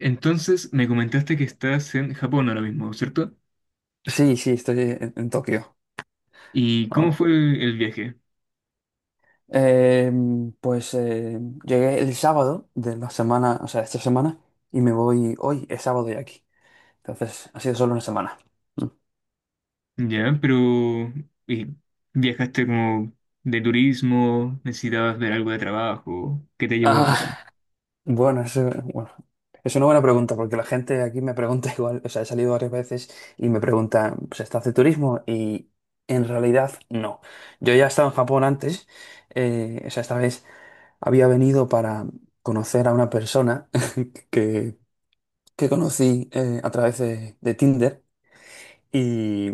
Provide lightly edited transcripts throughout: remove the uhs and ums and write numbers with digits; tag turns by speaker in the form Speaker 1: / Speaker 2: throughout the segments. Speaker 1: Entonces me comentaste que estás en Japón ahora mismo, ¿cierto?
Speaker 2: Sí, sí, estoy en Tokio
Speaker 1: ¿Y cómo
Speaker 2: ahora.
Speaker 1: fue el viaje?
Speaker 2: Eh, pues eh, Llegué el sábado de la semana, o sea, esta semana, y me voy hoy, es sábado ya aquí. Entonces, ha sido solo una semana. Mm.
Speaker 1: Ya, pero ¿y viajaste como de turismo? ¿Necesitabas ver algo de trabajo? ¿Qué te llevó a
Speaker 2: Ah,
Speaker 1: Japón?
Speaker 2: bueno, es una buena pregunta, porque la gente aquí me pregunta igual, o sea, he salido varias veces y me pregunta ¿se está hace turismo? Y en realidad, no. Yo ya estaba en Japón antes, o sea, esta vez había venido para conocer a una persona que que conocí a través de Tinder y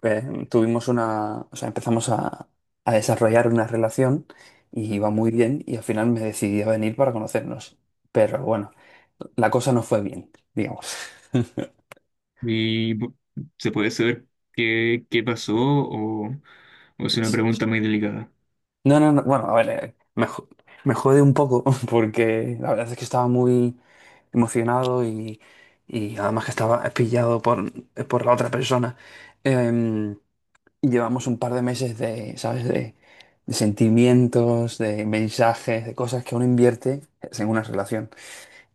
Speaker 2: pues, tuvimos una, o sea, empezamos a desarrollar una relación y iba muy bien y al final me decidí a venir para conocernos. Pero bueno, la cosa no fue bien, digamos.
Speaker 1: ¿Y bu- ¿Se puede saber qué pasó o es
Speaker 2: Sí,
Speaker 1: una
Speaker 2: sí,
Speaker 1: pregunta
Speaker 2: sí.
Speaker 1: muy delicada?
Speaker 2: No, no, no, bueno, a ver, me jode un poco porque la verdad es que estaba muy emocionado y además que estaba pillado por la otra persona. Em, Y llevamos un par de meses de, ¿sabes? De sentimientos, de mensajes, de cosas que uno invierte en una relación.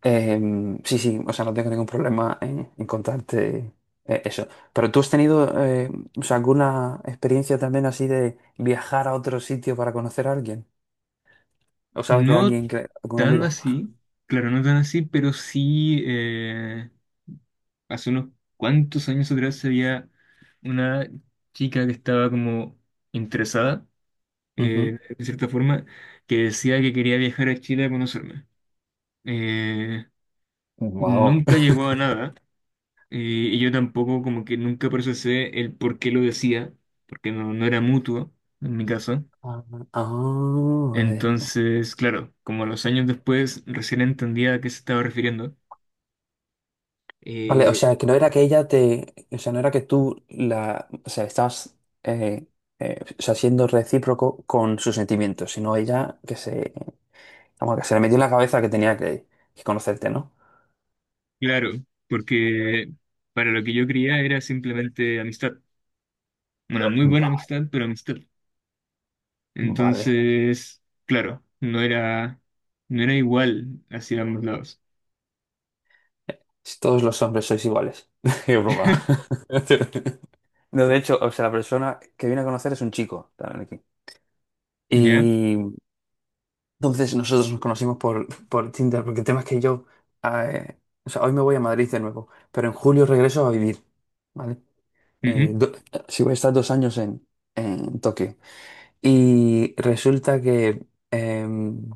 Speaker 2: Sí, sí, o sea, no tengo ningún problema en contarte eso. Pero tú has tenido, o sea, alguna experiencia también así de viajar a otro sitio para conocer a alguien. ¿O sabes de
Speaker 1: No
Speaker 2: alguien que, algún
Speaker 1: tan
Speaker 2: amigo?
Speaker 1: así, claro, no tan así, pero sí hace unos cuantos años atrás había una chica que estaba como interesada,
Speaker 2: Ujú.
Speaker 1: de cierta forma, que decía que quería viajar a Chile a conocerme. Eh,
Speaker 2: Wow.
Speaker 1: Nunca llegó a nada, y yo tampoco como que nunca procesé el por qué lo decía, porque no, no era mutuo en mi caso.
Speaker 2: Ah, ah, vale.
Speaker 1: Entonces, claro, como a los años después recién entendía a qué se estaba refiriendo.
Speaker 2: Vale, o sea,
Speaker 1: Eh,
Speaker 2: que no era que ella te, o sea, no era que tú la, o sea, estabas, eh, o sea, siendo recíproco con sus sentimientos, sino ella que se, vamos, que se le metió en la cabeza que tenía que conocerte, ¿no?
Speaker 1: claro, porque para lo que yo creía era simplemente amistad. Una muy buena
Speaker 2: Va-
Speaker 1: amistad, pero amistad.
Speaker 2: vale.
Speaker 1: Entonces, claro, no era, no era igual hacia ambos lados.
Speaker 2: Si todos los hombres sois iguales. Qué broma. No, de hecho, o sea, la persona que viene a conocer es un chico, también
Speaker 1: ¿Ya?
Speaker 2: aquí. Entonces nosotros nos conocimos por Tinder, porque el tema es que yo, eh, o sea, hoy me voy a Madrid de nuevo, pero en julio regreso a vivir, ¿vale? Eh,
Speaker 1: Ujú.
Speaker 2: do- sí voy a estar 2 años en Tokio. Y resulta que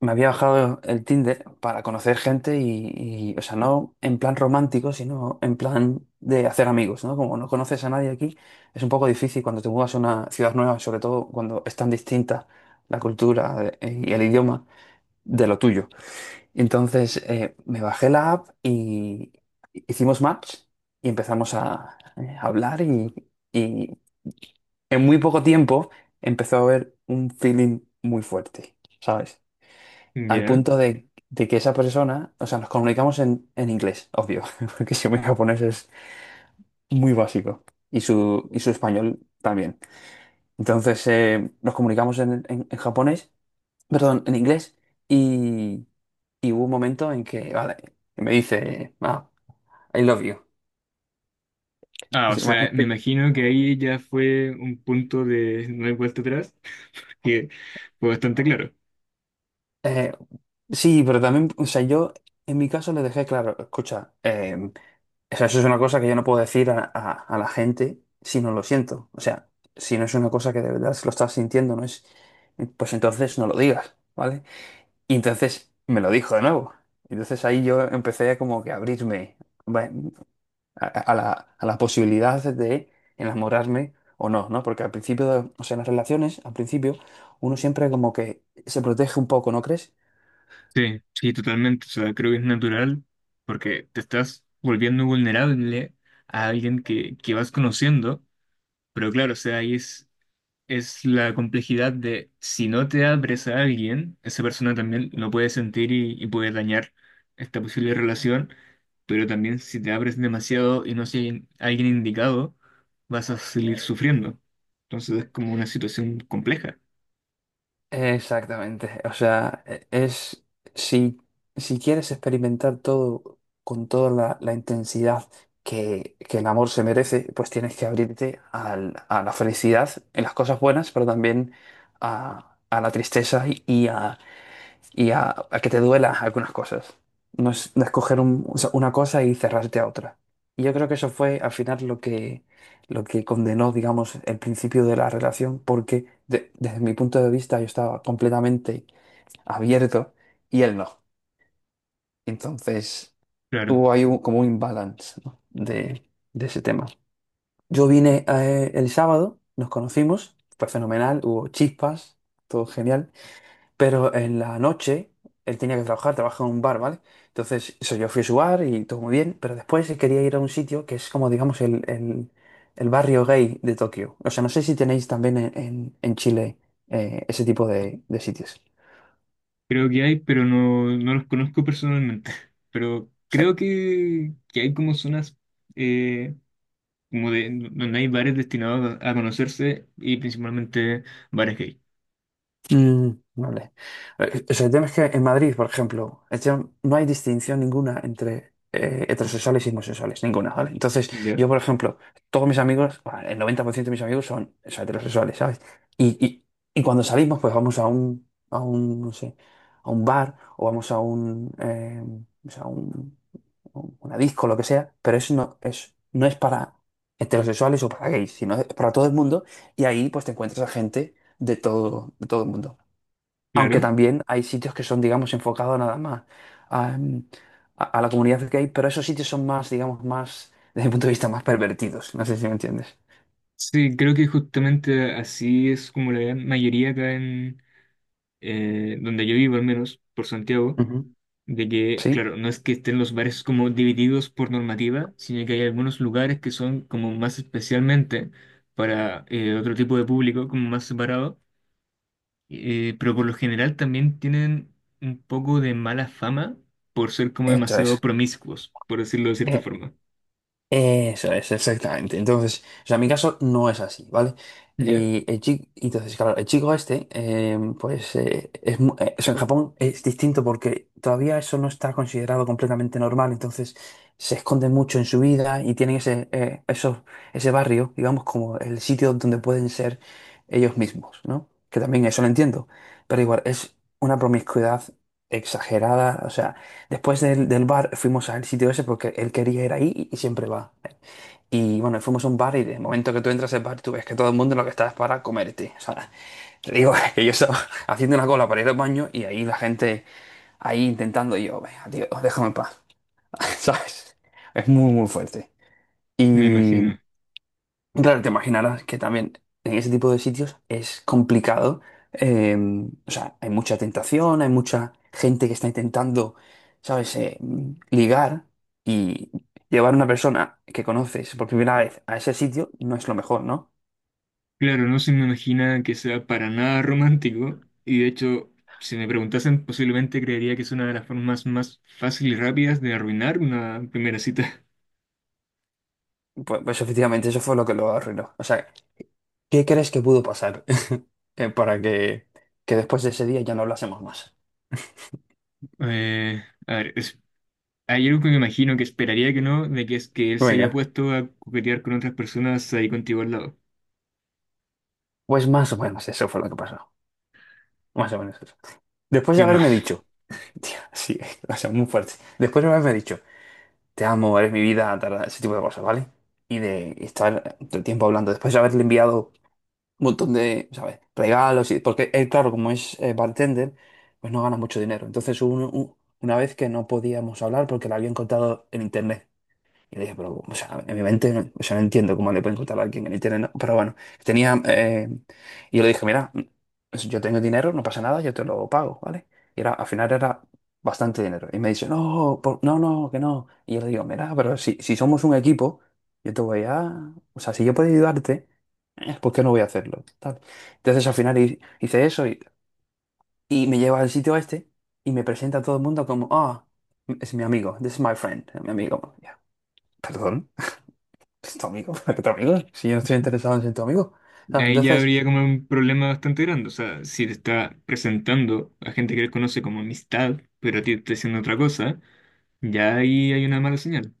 Speaker 2: me había bajado el Tinder para conocer gente y, o sea, no en plan romántico, sino en plan de hacer amigos, ¿no? Como no conoces a nadie aquí, es un poco difícil cuando te mudas a una ciudad nueva, sobre todo cuando es tan distinta la cultura y el idioma de lo tuyo. Entonces me bajé la app y hicimos match y empezamos a hablar y en muy poco tiempo empezó a haber un feeling muy fuerte, ¿sabes? Al
Speaker 1: ¿Ya?
Speaker 2: punto de que esa persona, o sea, nos comunicamos en inglés, obvio, porque si mi japonés es muy básico y su español también. Entonces nos comunicamos en, en japonés, perdón, en inglés. Y Y hubo un momento en que, vale, me dice, ah, I love you.
Speaker 1: Ah, o sea, me
Speaker 2: Imagínate que
Speaker 1: imagino que ahí ya fue un punto de no hay vuelta atrás, que fue bastante claro.
Speaker 2: Eh, sí, pero también, o sea, yo en mi caso le dejé claro, escucha, o sea, eso es una cosa que yo no puedo decir a, a la gente si no lo siento. O sea, si no es una cosa que de verdad se lo estás sintiendo, no es, pues entonces no lo digas, ¿vale? Y entonces me lo dijo de nuevo. Entonces ahí yo empecé como que a abrirme. A, a la posibilidad de enamorarme o no, ¿no? Porque al principio, o sea, en las relaciones, al principio, uno siempre como que se protege un poco, ¿no crees?
Speaker 1: Sí, sí, totalmente. O sea, creo que es natural porque te estás volviendo vulnerable a alguien que vas conociendo, pero claro, o sea, ahí es la complejidad de si no te abres a alguien, esa persona también lo puede sentir y puede dañar esta posible relación, pero también si te abres demasiado y no si hay alguien indicado, vas a seguir sufriendo. Entonces es como una situación compleja.
Speaker 2: Exactamente. O sea, es si, si quieres experimentar todo con toda la, la intensidad que el amor se merece, pues tienes que abrirte a la felicidad en las cosas buenas, pero también a la tristeza y a que te duela algunas cosas. No es no escoger o sea, una cosa y cerrarte a otra. Y yo creo que eso fue al final lo que condenó, digamos, el principio de la relación, porque desde mi punto de vista yo estaba completamente abierto y él no. Entonces
Speaker 1: Claro,
Speaker 2: hubo ahí como un imbalance, ¿no? De ese tema. Yo vine el sábado, nos conocimos, fue fenomenal, hubo chispas, todo genial. Pero en la noche él tenía que trabajar, trabajaba en un bar, ¿vale? Entonces, eso, yo fui a su bar y todo muy bien, pero después él quería ir a un sitio que es como, digamos, el barrio gay de Tokio. O sea, no sé si tenéis también en, en Chile ese tipo de sitios.
Speaker 1: creo que hay, pero no, no los conozco personalmente. Pero creo que hay como zonas, eh, como de, donde hay bares destinados a conocerse y principalmente bares gay.
Speaker 2: Mm, vale. O sea, el tema es que en Madrid, por ejemplo, no hay distinción ninguna entre heterosexuales y homosexuales, ninguna, ¿vale? Entonces,
Speaker 1: Ya,
Speaker 2: yo, por ejemplo, todos mis amigos, bah, el 90% de mis amigos son, o sea, heterosexuales, ¿sabes? Y, y, y cuando salimos, pues vamos a un, no sé, a un bar o vamos a un, o sea, una disco, lo que sea, pero eso no es, no es para heterosexuales o para gays, sino es para todo el mundo y ahí, pues, te encuentras a gente de todo el mundo. Aunque
Speaker 1: claro.
Speaker 2: también hay sitios que son, digamos, enfocados nada más a, mm, a la comunidad gay, pero esos sitios son más, digamos, más, desde mi punto de vista, más pervertidos. No sé si me entiendes.
Speaker 1: Sí, creo que justamente así es como la gran mayoría acá en, donde yo vivo, al menos, por Santiago,
Speaker 2: Ujú.
Speaker 1: de que,
Speaker 2: ¿Sí?
Speaker 1: claro, no es que estén los bares como divididos por normativa, sino que hay algunos lugares que son como más especialmente para, otro tipo de público, como más separado, pero por lo general también tienen un poco de mala fama por ser como
Speaker 2: Esto
Speaker 1: demasiado
Speaker 2: es.
Speaker 1: promiscuos, por decirlo de cierta forma.
Speaker 2: Eso es, exactamente. Entonces, o sea, mi caso no es así, ¿vale?
Speaker 1: Ya,
Speaker 2: Y el chico, entonces, claro, el chico este, o sea, en Japón es distinto porque todavía eso no está considerado completamente normal, entonces se esconden mucho en su vida y tienen ese, ese barrio, digamos, como el sitio donde pueden ser ellos mismos, ¿no? Que también eso lo entiendo, pero igual, es una promiscuidad exagerada, o sea. Después del, del bar fuimos al sitio ese porque él quería ir ahí y siempre va. Y bueno, fuimos a un bar y de momento que tú entras al bar, tú ves que todo el mundo lo que está es para comerte. O sea, te digo que yo estaba haciendo una cola para ir al baño y ahí la gente ahí intentando y yo, venga, tío, déjame en paz. ¿Sabes? Es muy, muy fuerte.
Speaker 1: me
Speaker 2: Y
Speaker 1: imagino.
Speaker 2: Claro, te imaginarás que también en ese tipo de sitios es complicado. eh, o sea, hay mucha tentación, hay mucha gente que está intentando, ¿sabes?, ligar y llevar a una persona que conoces por primera vez a ese sitio no es lo mejor, ¿no?
Speaker 1: Claro, no se me imagina que sea para nada romántico y de hecho, si me preguntasen, posiblemente creería que es una de las formas más fáciles y rápidas de arruinar una primera cita.
Speaker 2: Pues, pues efectivamente, eso fue lo que lo arruinó. O sea, ¿qué crees que pudo pasar para que después de ese día ya no hablásemos más?
Speaker 1: A ver, hay algo que me imagino que esperaría que no, de que es que él se haya
Speaker 2: Venga,
Speaker 1: puesto a coquetear con otras personas ahí contigo al lado.
Speaker 2: pues más o menos eso fue lo que pasó. Más o menos eso. Después
Speaker 1: Y
Speaker 2: de
Speaker 1: además,
Speaker 2: haberme dicho. Tío, sí, o sea, muy fuerte. Después una vez me ha dicho, te amo, eres mi vida, tal, ese tipo de cosas, ¿vale? Y de estar todo el tiempo hablando. Después de haberle enviado un montón de, ¿sabes? Regalos. Y, porque él, claro, como es bartender, pues no gana mucho dinero. Entonces hubo una vez que no podíamos hablar porque le habían contado en internet. Y dije, pero, o sea, en mi mente, o sea, no entiendo cómo le pueden contar a alguien en internet, ¿no? Pero bueno, tenía, y yo le dije, mira, pues yo tengo dinero, no pasa nada, yo te lo pago, ¿vale? Y era, al final era bastante dinero. Y me dice, no, no, no, que no. Y yo le digo, mira, pero si, si somos un equipo, yo te voy a, o sea, si yo puedo ayudarte, ¿por qué no voy a hacerlo? Tal. Entonces al final hice eso y me lleva al sitio este y me presenta a todo el mundo como, ah, es mi amigo, this is my friend, mi amigo. Ya, perdón. ¿Es tu amigo? ¿Para qué tu amigo? Si yo no estoy interesado en ser tu amigo. ¿Sabes?
Speaker 1: ahí ya habría
Speaker 2: Entonces,
Speaker 1: como un problema bastante grande, o sea, si te está presentando a gente que él conoce como amistad, pero a ti te está diciendo otra cosa, ya ahí hay una mala señal.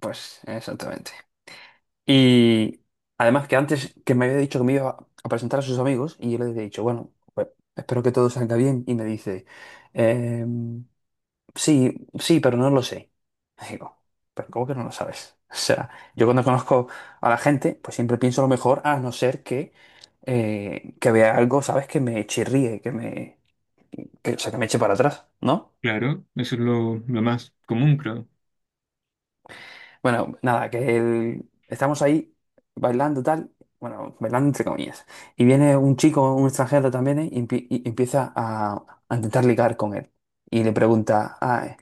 Speaker 2: pues exactamente. Y además que antes que me había dicho que me iba a presentar a sus amigos y yo le había dicho, bueno, pues espero que todo salga bien. Y me dice, "Em, sí, sí, pero no lo sé. Y digo, pero ¿cómo que no lo sabes? O sea, yo cuando conozco a la gente, pues siempre pienso lo mejor, a no ser que vea algo, ¿sabes? Que me chirríe, que me, que, o sea, que me eche para atrás, ¿no?
Speaker 1: Claro, eso es lo más común, creo,
Speaker 2: Bueno, nada, que estamos ahí bailando tal, bueno, bailando entre comillas. Y viene un chico, un extranjero también, y, y empieza a intentar ligar con él. Y le pregunta, ah,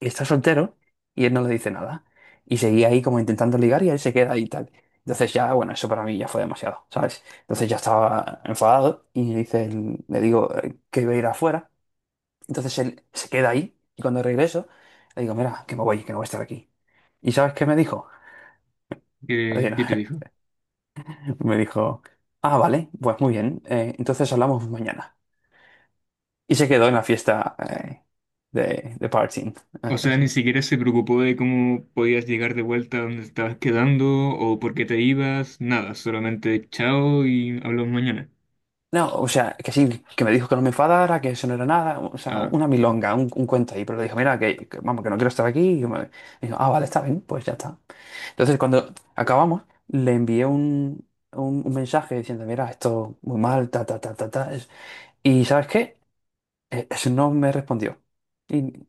Speaker 2: ¿estás soltero? Y él no le dice nada. Y seguía ahí como intentando ligar y él se queda ahí y tal. Entonces ya, bueno, eso para mí ya fue demasiado, ¿sabes? Entonces ya estaba enfadado y le dice, le digo que iba a ir afuera. Entonces él se queda ahí y cuando regreso le digo, mira, que me voy, que no voy a estar aquí. ¿Y sabes qué me dijo? Así no.
Speaker 1: que te dijo.
Speaker 2: Me dijo, ah, vale, pues muy bien, entonces hablamos mañana. Y se quedó en la fiesta de partying,
Speaker 1: O sea, ni
Speaker 2: así.
Speaker 1: siquiera se preocupó de cómo podías llegar de vuelta a donde estabas quedando o por qué te ibas, nada, solamente chao y hablamos mañana.
Speaker 2: No, o sea, que sí, que me dijo que no me enfadara, que eso no era nada, o sea,
Speaker 1: Ah,
Speaker 2: una milonga, un cuento ahí, pero le dijo, mira, que vamos, que no quiero estar aquí. Y me dijo, ah, vale, está bien, pues ya está. Entonces, cuando acabamos, le envié un mensaje diciendo, mira, esto muy mal, ta, ta, ta, ta, ta. Es, y ¿sabes qué? Eso no me respondió. Y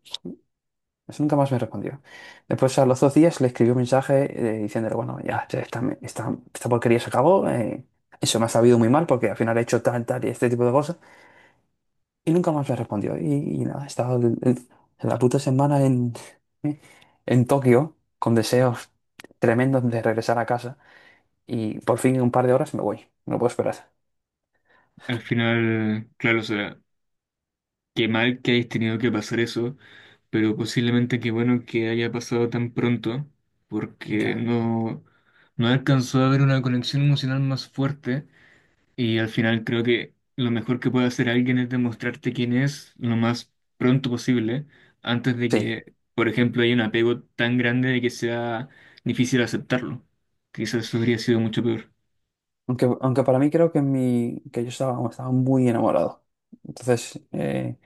Speaker 2: eso nunca más me respondió. Después, a los 2 días, le escribí un mensaje diciéndole, bueno, ya, esta porquería se acabó. Eso me ha sabido muy mal porque al final he hecho tal, tal y este tipo de cosas. Y nunca más me respondió. Y nada, he estado la puta semana eh, en Tokio con deseos tremendos de regresar a casa. Y por fin en un par de horas me voy. No puedo esperar.
Speaker 1: al final, claro, o sea, qué mal que hayas tenido que pasar eso, pero posiblemente qué bueno que haya pasado tan pronto, porque
Speaker 2: Ya.
Speaker 1: no, no alcanzó a haber una conexión emocional más fuerte. Y al final creo que lo mejor que puede hacer alguien es demostrarte quién es lo más pronto posible, antes de
Speaker 2: Sí.
Speaker 1: que, por ejemplo, haya un apego tan grande de que sea difícil aceptarlo. Quizás eso habría sido mucho peor.
Speaker 2: Aunque, aunque para mí creo que, mi, que yo estaba, estaba muy enamorado. Entonces...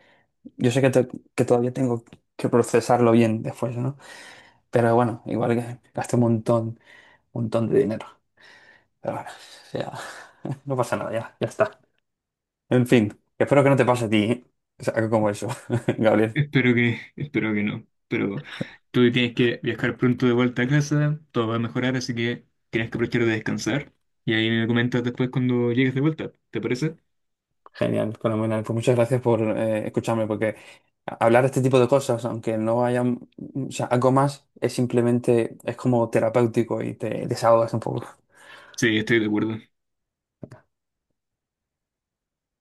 Speaker 2: yo sé que, que todavía tengo que procesarlo bien después, ¿no? Pero bueno, igual que gasté un montón, montón de dinero. Pero bueno, o sea, no pasa nada, ya, ya está. En fin, espero que no te pase a ti, ¿eh? O sea, algo como eso, Gabriel.
Speaker 1: Espero que, espero que no. Pero tú tienes que viajar pronto de vuelta a casa, todo va a mejorar, así que tienes que aprovechar de descansar. Y ahí me comentas después cuando llegues de vuelta, ¿te parece?
Speaker 2: Genial, fenomenal. Pues muchas gracias por escucharme, porque hablar de este tipo de cosas, aunque no haya, mm, o sea, algo más, es simplemente, es como terapéutico y te desahogas un poco.
Speaker 1: Sí, estoy de acuerdo.